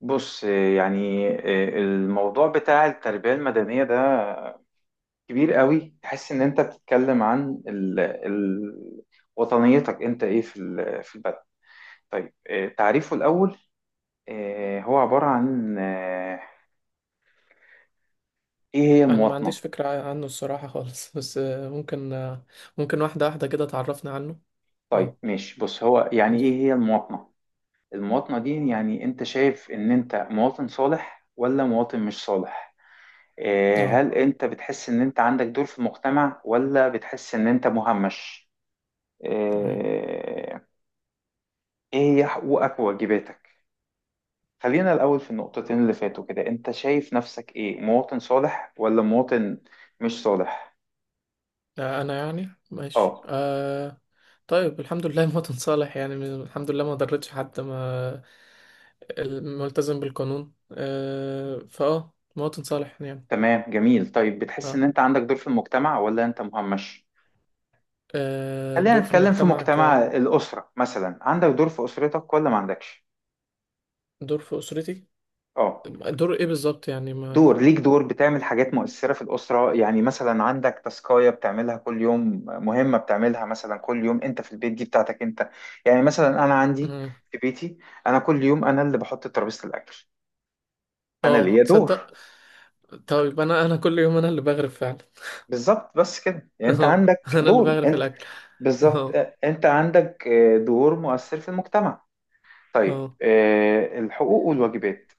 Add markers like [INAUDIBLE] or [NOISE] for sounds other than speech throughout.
بص، يعني الموضوع بتاع التربية المدنية ده كبير قوي. تحس ان انت بتتكلم عن وطنيتك انت ايه في البلد. طيب، تعريفه الاول، هو عبارة عن ايه هي انا ما المواطنة. عنديش فكرة عنه الصراحة خالص [LAUGHS] بس ممكن ممكن واحدة واحدة كده تعرفنا عنه. طيب اه ماشي، بص، هو يعني ايه ماشي. هي المواطنة. المواطنة دي، يعني انت شايف ان انت مواطن صالح ولا مواطن مش صالح؟ اه هل انت بتحس ان انت عندك دور في المجتمع ولا بتحس ان انت مهمش؟ تمام. آه، ايه هي حقوقك وواجباتك؟ خلينا الاول في النقطتين اللي فاتوا كده، انت شايف نفسك ايه، مواطن صالح ولا مواطن مش صالح؟ انا يعني ماشي اه، آه. طيب الحمد لله [LAUGHS] مواطن صالح يعني الحمد لله ما ضرتش حد، ما ال- ملتزم بالقانون آه فاه مواطن صالح يعني. تمام، جميل. طيب، بتحس ان اه انت عندك دور في المجتمع ولا انت مهمش؟ آه، خلينا دور في نتكلم في المجتمع. مجتمع الاسره مثلا، عندك دور في اسرتك ولا ما عندكش؟ كدور في اسرتي، اه، دور ايه بالظبط يعني ما. دور ليك، دور بتعمل حاجات مؤثرة في الأسرة. يعني مثلا عندك تاسكاية بتعملها كل يوم، مهمة بتعملها مثلا كل يوم، أنت في البيت دي بتاعتك أنت. يعني مثلا أنا عندي مم. في بيتي، أنا كل يوم أنا اللي بحط ترابيزة الأكل، أنا اه ليا دور. تصدق، طيب انا كل يوم انا اللي بغرب فعلا. بالظبط، بس كده، يعني أنت اهو [LAUGHS] عندك انا اللي دور بغرف أنت. الاكل. بالظبط، اهو. أنت عندك دور مؤثر في المجتمع. طيب، اهو. الحقوق والواجبات.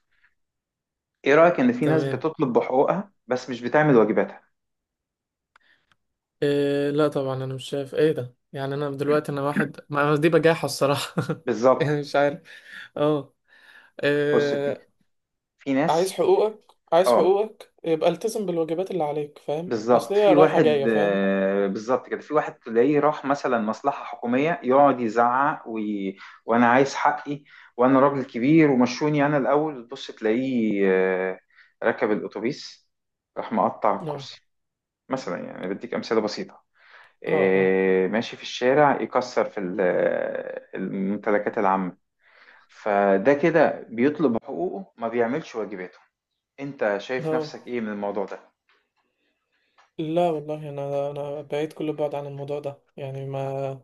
إيه رأيك إن في ناس تمام. بتطلب بحقوقها بس مش بتعمل واجباتها؟ إيه لا طبعا انا مش شايف ايه ده، يعني انا دلوقتي انا واحد ما أنا دي بجاحة الصراحة. [LAUGHS] يعني بالظبط. مش عارف. اه. بص، في إيه. في عايز ناس حقوقك، عايز اه، حقوقك يبقى التزم بالواجبات اللي عليك، فاهم؟ اصل بالظبط. هي في رايحة واحد، جاية، فاهم؟ بالظبط كده، في واحد تلاقيه راح مثلا مصلحة حكومية يقعد يزعق: وي... وانا عايز حقي، وانا راجل كبير ومشوني انا الاول. تبص تلاقيه آه، ركب الاتوبيس، راح مقطع اه. الكرسي، مثلا. يعني بديك امثلة بسيطة. اه. اه. ماشي في الشارع يكسر في الممتلكات العامة. فده كده بيطلب حقوقه ما بيعملش واجباته. انت شايف لا، نفسك ايه من الموضوع ده؟ لا والله انا بعيد كل البعد عن الموضوع ده، يعني ما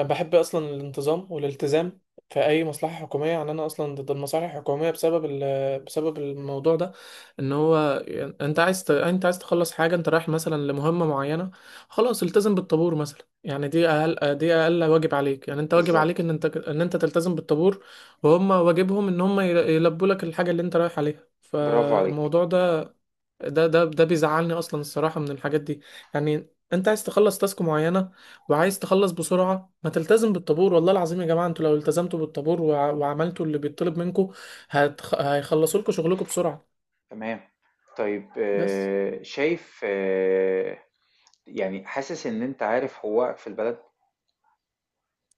بحب اصلا الانتظام والالتزام في اي مصلحه حكوميه. يعني انا اصلا ضد المصالح الحكوميه بسبب بسبب الموضوع ده. ان هو يعني انت عايز تخلص حاجه، انت رايح مثلا لمهمه معينه، خلاص التزم بالطابور مثلا. يعني دي اقل، دي اقل واجب عليك. يعني انت واجب عليك بالظبط، ان انت تلتزم بالطابور، وهم واجبهم ان هم يلبوا لك الحاجه اللي انت رايح عليها. برافو عليك. فالموضوع ده، ده بيزعلني اصلا الصراحه من الحاجات دي. يعني انت عايز تخلص تاسك معينه وعايز تخلص بسرعه، ما تلتزم بالطابور. والله العظيم يا جماعه، انتوا لو التزمتوا بالطابور وعملتوا اللي بيطلب منكم هيخلصوا لكم شغلكم بسرعه. تمام. طيب، بس. شايف يعني حاسس إن أنت عارف حقوقك في البلد؟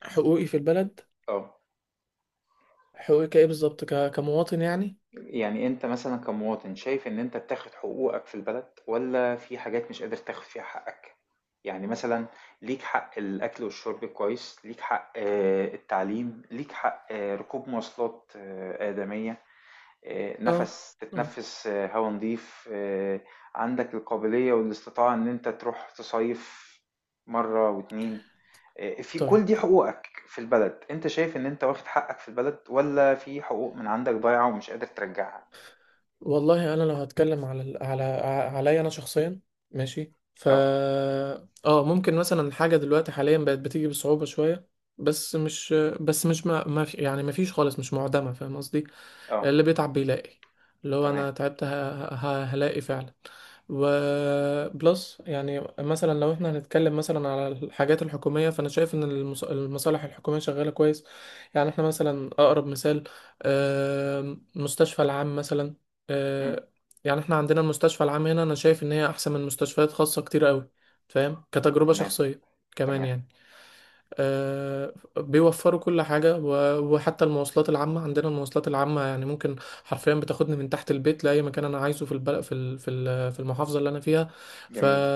حقوقي في البلد، آه. حقوقي كايه بالظبط كمواطن يعني. يعني أنت مثلًا كمواطن، شايف إن أنت بتاخد حقوقك في البلد والّا في حاجات مش قادر تاخد فيها حقك؟ يعني مثلًا، ليك حق الأكل والشرب كويس، ليك حق التعليم، ليك حق ركوب مواصلات آدمية. اه. نَفَس اه. تتنفّس، هوا نضيف، عندك القابلية والاستطاعة إن أنت تروح تصيّف مرّة و2. في كل طيب دي حقوقك في البلد، أنت شايف إن أنت واخد حقك في البلد والّا في حقوق من عندك ضايعة ومش قادر ترجّعها؟ والله انا لو هتكلم على عليا انا شخصيا، ماشي ف. آه، اه ممكن مثلا حاجه دلوقتي حاليا بقت بتيجي بصعوبه شويه، بس مش بس مش ما في، يعني ما فيش خالص، مش معدمه، فاهم قصدي؟ آه، اللي بيتعب بيلاقي، اللي هو انا تمام، تعبت هلاقي فعلا. وبلس يعني مثلا لو احنا هنتكلم مثلا على الحاجات الحكومية، فانا شايف ان المصالح الحكومية شغالة كويس. يعني احنا مثلا اقرب مثال، مستشفى العام مثلا إمم، آه، يعني احنا عندنا المستشفى العام هنا، انا شايف ان هي احسن من مستشفيات خاصة كتير قوي، فاهم، كتجربة تمام، شخصية. كمان تمام، يعني بيوفروا كل حاجة، وحتى المواصلات العامة. عندنا المواصلات العامة يعني ممكن حرفيا بتاخدني من تحت البيت لأي مكان أنا عايزه في البلد، في في المحافظة اللي أنا فيها. ف جميل،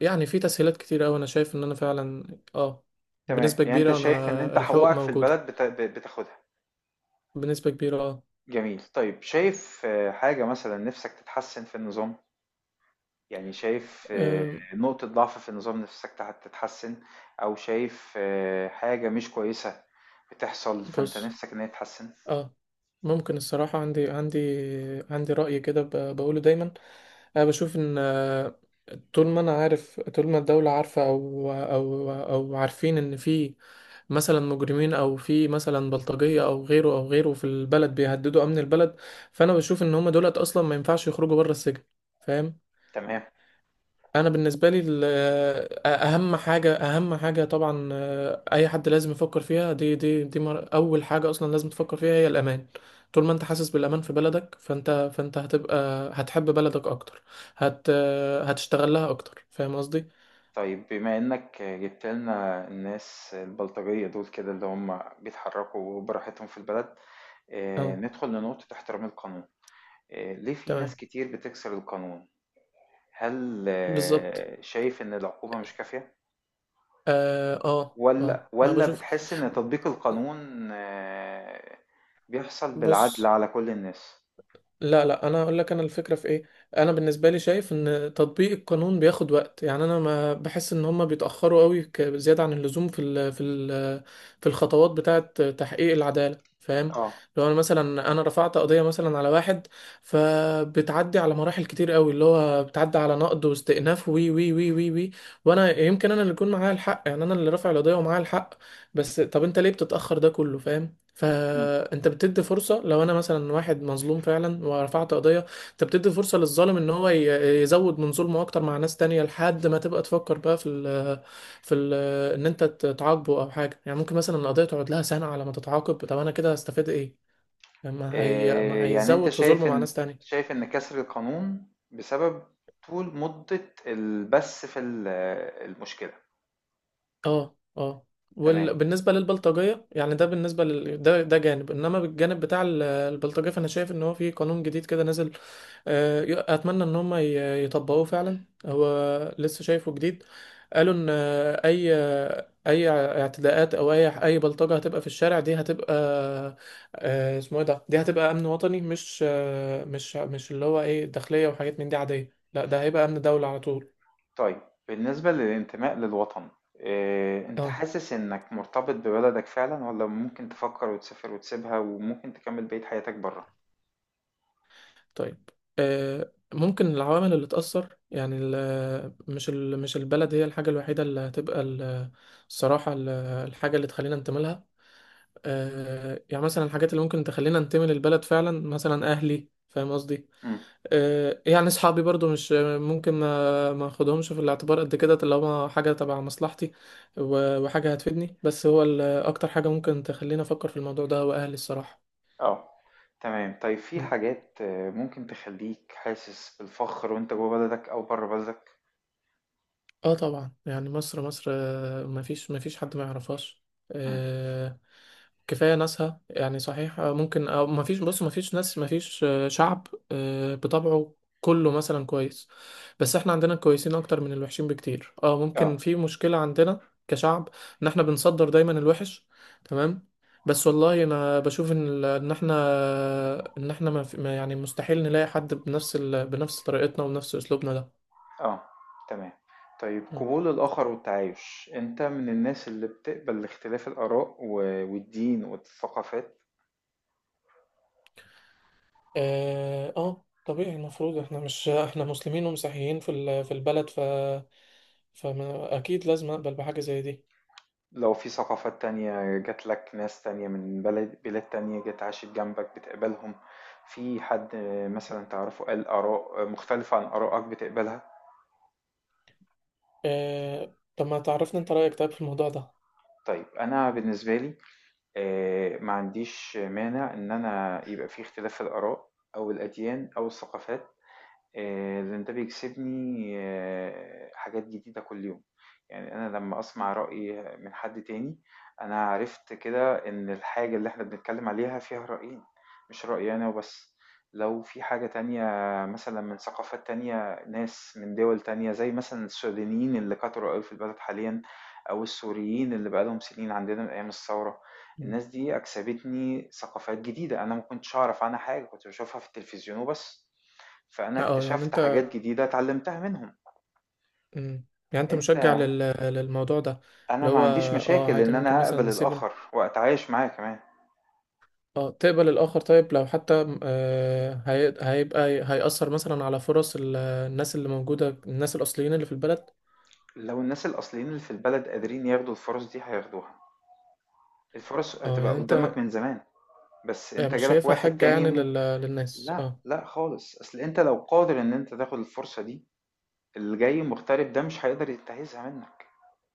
يعني في تسهيلات كتير أوي، أنا شايف إن أنا فعلا آه، تمام. بنسبة يعني أنت كبيرة شايف إن أنا أنت الحقوق حقوقك في موجودة البلد بت ب بتاخدها، بنسبة كبيرة آه. جميل. طيب، شايف حاجة مثلًا نِفْسك تتحسّن في النظام؟ يعني شايف آه، نقطة ضعف في النظام نفسك تتحسن، أو شايف حاجة مش كويسة بتحصل فأنت بص، نفسك إن هي تتحسن. اه ممكن الصراحة، عندي عندي رأي كده بقوله دايما. أنا بشوف إن آه، طول ما أنا عارف، طول ما الدولة عارفة أو أو عارفين إن في مثلا مجرمين، أو في مثلا بلطجية أو غيره أو غيره في البلد بيهددوا أمن البلد، فأنا بشوف إن هما دولت أصلا ما ينفعش يخرجوا بره السجن، فاهم؟ تمام. انا بالنسبه لي ال-، اهم حاجه طبعا آه، اي حد لازم يفكر فيها، اول حاجه اصلا لازم تفكر فيها هي الامان. طول ما انت حاسس بالامان في بلدك، فانت هتبقى هتحب بلدك اكتر، هت آه، هتشتغل لها اكتر، فاهم قصدي؟ طيب، بما إنك جبت لنا الناس البلطجية دول كده اللي هم بيتحركوا براحتهم في البلد، اه. ندخل لنقطة احترام القانون. ليه في ناس تمام. كتير بتكسر القانون؟ هل بالظبط. شايف إن العقوبة مش كافية؟ اه اه آه. ولا انا ولا بشوف، بتحس إن تطبيق القانون بيحصل بالعدل بص، على كل الناس؟ لا لا، انا اقول لك انا الفكره في ايه. انا بالنسبه لي شايف ان تطبيق القانون بياخد وقت. يعني انا ما بحس ان هم بيتاخروا قوي زياده عن اللزوم في ال في ال في الخطوات بتاعه تحقيق العداله، فاهم؟ اه. لو انا مثلا رفعت قضيه مثلا على واحد، فبتعدي على مراحل كتير قوي، اللي هو بتعدي على نقض واستئناف وي وي وي وي وي وانا يمكن اللي يكون معايا الحق، يعني انا اللي رافع القضيه ومعايا الحق، بس طب انت ليه بتتاخر ده كله، فاهم؟ مم. فانت بتدي فرصه. لو انا مثلا واحد مظلوم فعلا ورفعت قضيه، انت بتدي فرصه للظالم ان هو يزود من ظلمه اكتر مع ناس تانية، لحد ما تبقى تفكر بقى في ال في ال ان انت تعاقبه او حاجه. يعني ممكن مثلا القضيه تقعد لها سنه على ما تتعاقب، طب انا كده هستفيد ايه؟ ما هي ما يعني أنت هيزود في ظلمه شايف مع إن، ناس تانية. كسر القانون بسبب طول مدة البث في المشكلة. اه. اه. تمام. وبالنسبة للبلطجية يعني ده جانب، انما بالجانب بتاع البلطجية، فانا شايف ان هو في قانون جديد كده نزل آه، اتمنى ان هم يطبقوه فعلا، هو لسه شايفه جديد. قالوا ان آه، اي اعتداءات او اي بلطجة هتبقى في الشارع، دي هتبقى آه، اسمه ايه ده، دي هتبقى امن وطني، مش آه، مش مش اللي هو ايه داخلية وحاجات من دي عادية، لا ده هيبقى امن دولة على طول. طيب، بالنسبة للانتماء للوطن، أنت اه. حاسس إنك مرتبط ببلدك فعلا ولا ممكن تفكر وتسافر وتسيبها وممكن تكمل بقية حياتك بره؟ طيب ممكن العوامل اللي تأثر، يعني مش البلد هي الحاجة الوحيدة اللي هتبقى الصراحة الحاجة اللي تخلينا ننتمي لها آه، يعني مثلا الحاجات اللي ممكن تخلينا ننتمي للبلد فعلا، مثلا أهلي، فاهم قصدي؟ آه، يعني أصحابي برضو مش ممكن ما أخدهمش في الاعتبار قد كده، طالما حاجة تبع مصلحتي وحاجة هتفيدني. بس هو أكتر حاجة ممكن تخلينا أفكر في الموضوع ده هو أهلي الصراحة. اه، تمام. طيب، في حاجات ممكن تخليك حاسس بالفخر وانت جوه بلدك او بره بلدك. اه طبعا، يعني مصر مصر آه، مفيش مفيش حد ما يعرفهاش. مم. آه، كفاية ناسها يعني، صحيح آه، ممكن أو مفيش، بص مفيش ناس، مفيش آه، شعب آه، بطبعه كله مثلا كويس، بس احنا عندنا كويسين اكتر من الوحشين بكتير. اه ممكن اه، في مشكلة عندنا كشعب، ان احنا بنصدر دايما الوحش. تمام. بس والله انا بشوف ان ان احنا ما في- ما- يعني مستحيل نلاقي حد بنفس طريقتنا وبنفس اسلوبنا. اه، تمام. طيب، ده قبول الآخر والتعايش، انت من الناس اللي بتقبل اختلاف الآراء والدين والثقافات؟ اه آه، طبيعي المفروض، احنا مش احنا مسلمين ومسيحيين في في البلد، ف فما اكيد لازم اقبل بحاجه زي دي. لو في ثقافات تانية جات لك، ناس تانية من بلاد تانية جت عاشت جنبك، بتقبلهم؟ في حد مثلا تعرفه قال آراء مختلفة عن آرائك، بتقبلها؟ طب ما تعرفني انت رايك طيب في الموضوع ده. طيب، أنا بالنسبة لي، ما عنديش مانع إن أنا يبقى في اختلاف في الآراء أو الأديان أو الثقافات، لأن ده بيكسبني حاجات جديدة كل يوم. يعني أنا لما أسمع رأي من حد تاني، أنا عرفت كده إن الحاجة اللي إحنا بنتكلم عليها فيها رأيين، مش رأيي أنا وبس. لو في حاجة تانية مثلا من ثقافات تانية، ناس من دول تانية، زي مثلا السودانيين اللي كتروا أوي في البلد حاليا، أو السوريين اللي بقالهم سنين عندنا من أيام الثورة. مم. الناس دي أكسبتني ثقافات جديدة أنا ما كنتش أعرف عنها حاجة، كنت بشوفها في التلفزيون وبس. فأنا اه يعني اكتشفت انت، حاجات جديدة اتعلمتها منهم. مم. يعني انت انت، مشجع للموضوع ده، انا اللي ما هو عنديش اه مشاكل عادي ان ممكن انا مثلا اقبل نسيب. الاخر واتعايش معاه كمان. اه تقبل الاخر، طيب لو حتى هيبقى هيأثر مثلا على فرص الناس اللي موجوده، الناس الاصليين اللي في البلد. لو الناس الاصليين اللي في البلد قادرين ياخدوا الفرص دي هياخدوها. الفرص اه هتبقى يعني قدامك انت، من زمان، بس انت يعني مش جالك شايفها واحد حاجه تاني يعني ممكن. للناس لا اه. لا خالص، اصل انت لو قادر ان انت تاخد الفرصة دي، اللي جاي مغترب ده مش هيقدر ينتهزها منك،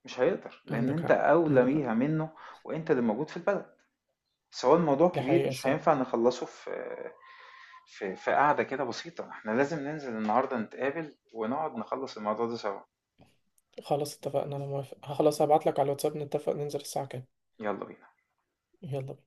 مش هيقدر، لان عندك انت حق. اولى عندك حق. بيها منه، وانت اللي موجود في البلد. سواء الموضوع دي كبير، حقيقة مش الصراحة. هينفع نخلصه في في قعدة كده بسيطة. إحنا لازم ننزل النهاردة نتقابل ونقعد نخلّص الموضوع ده سوا، خلاص اتفقنا، أنا موافق، خلاص هبعتلك على الواتساب نتفق ننزل الساعة كام. يلا بينا. يلا.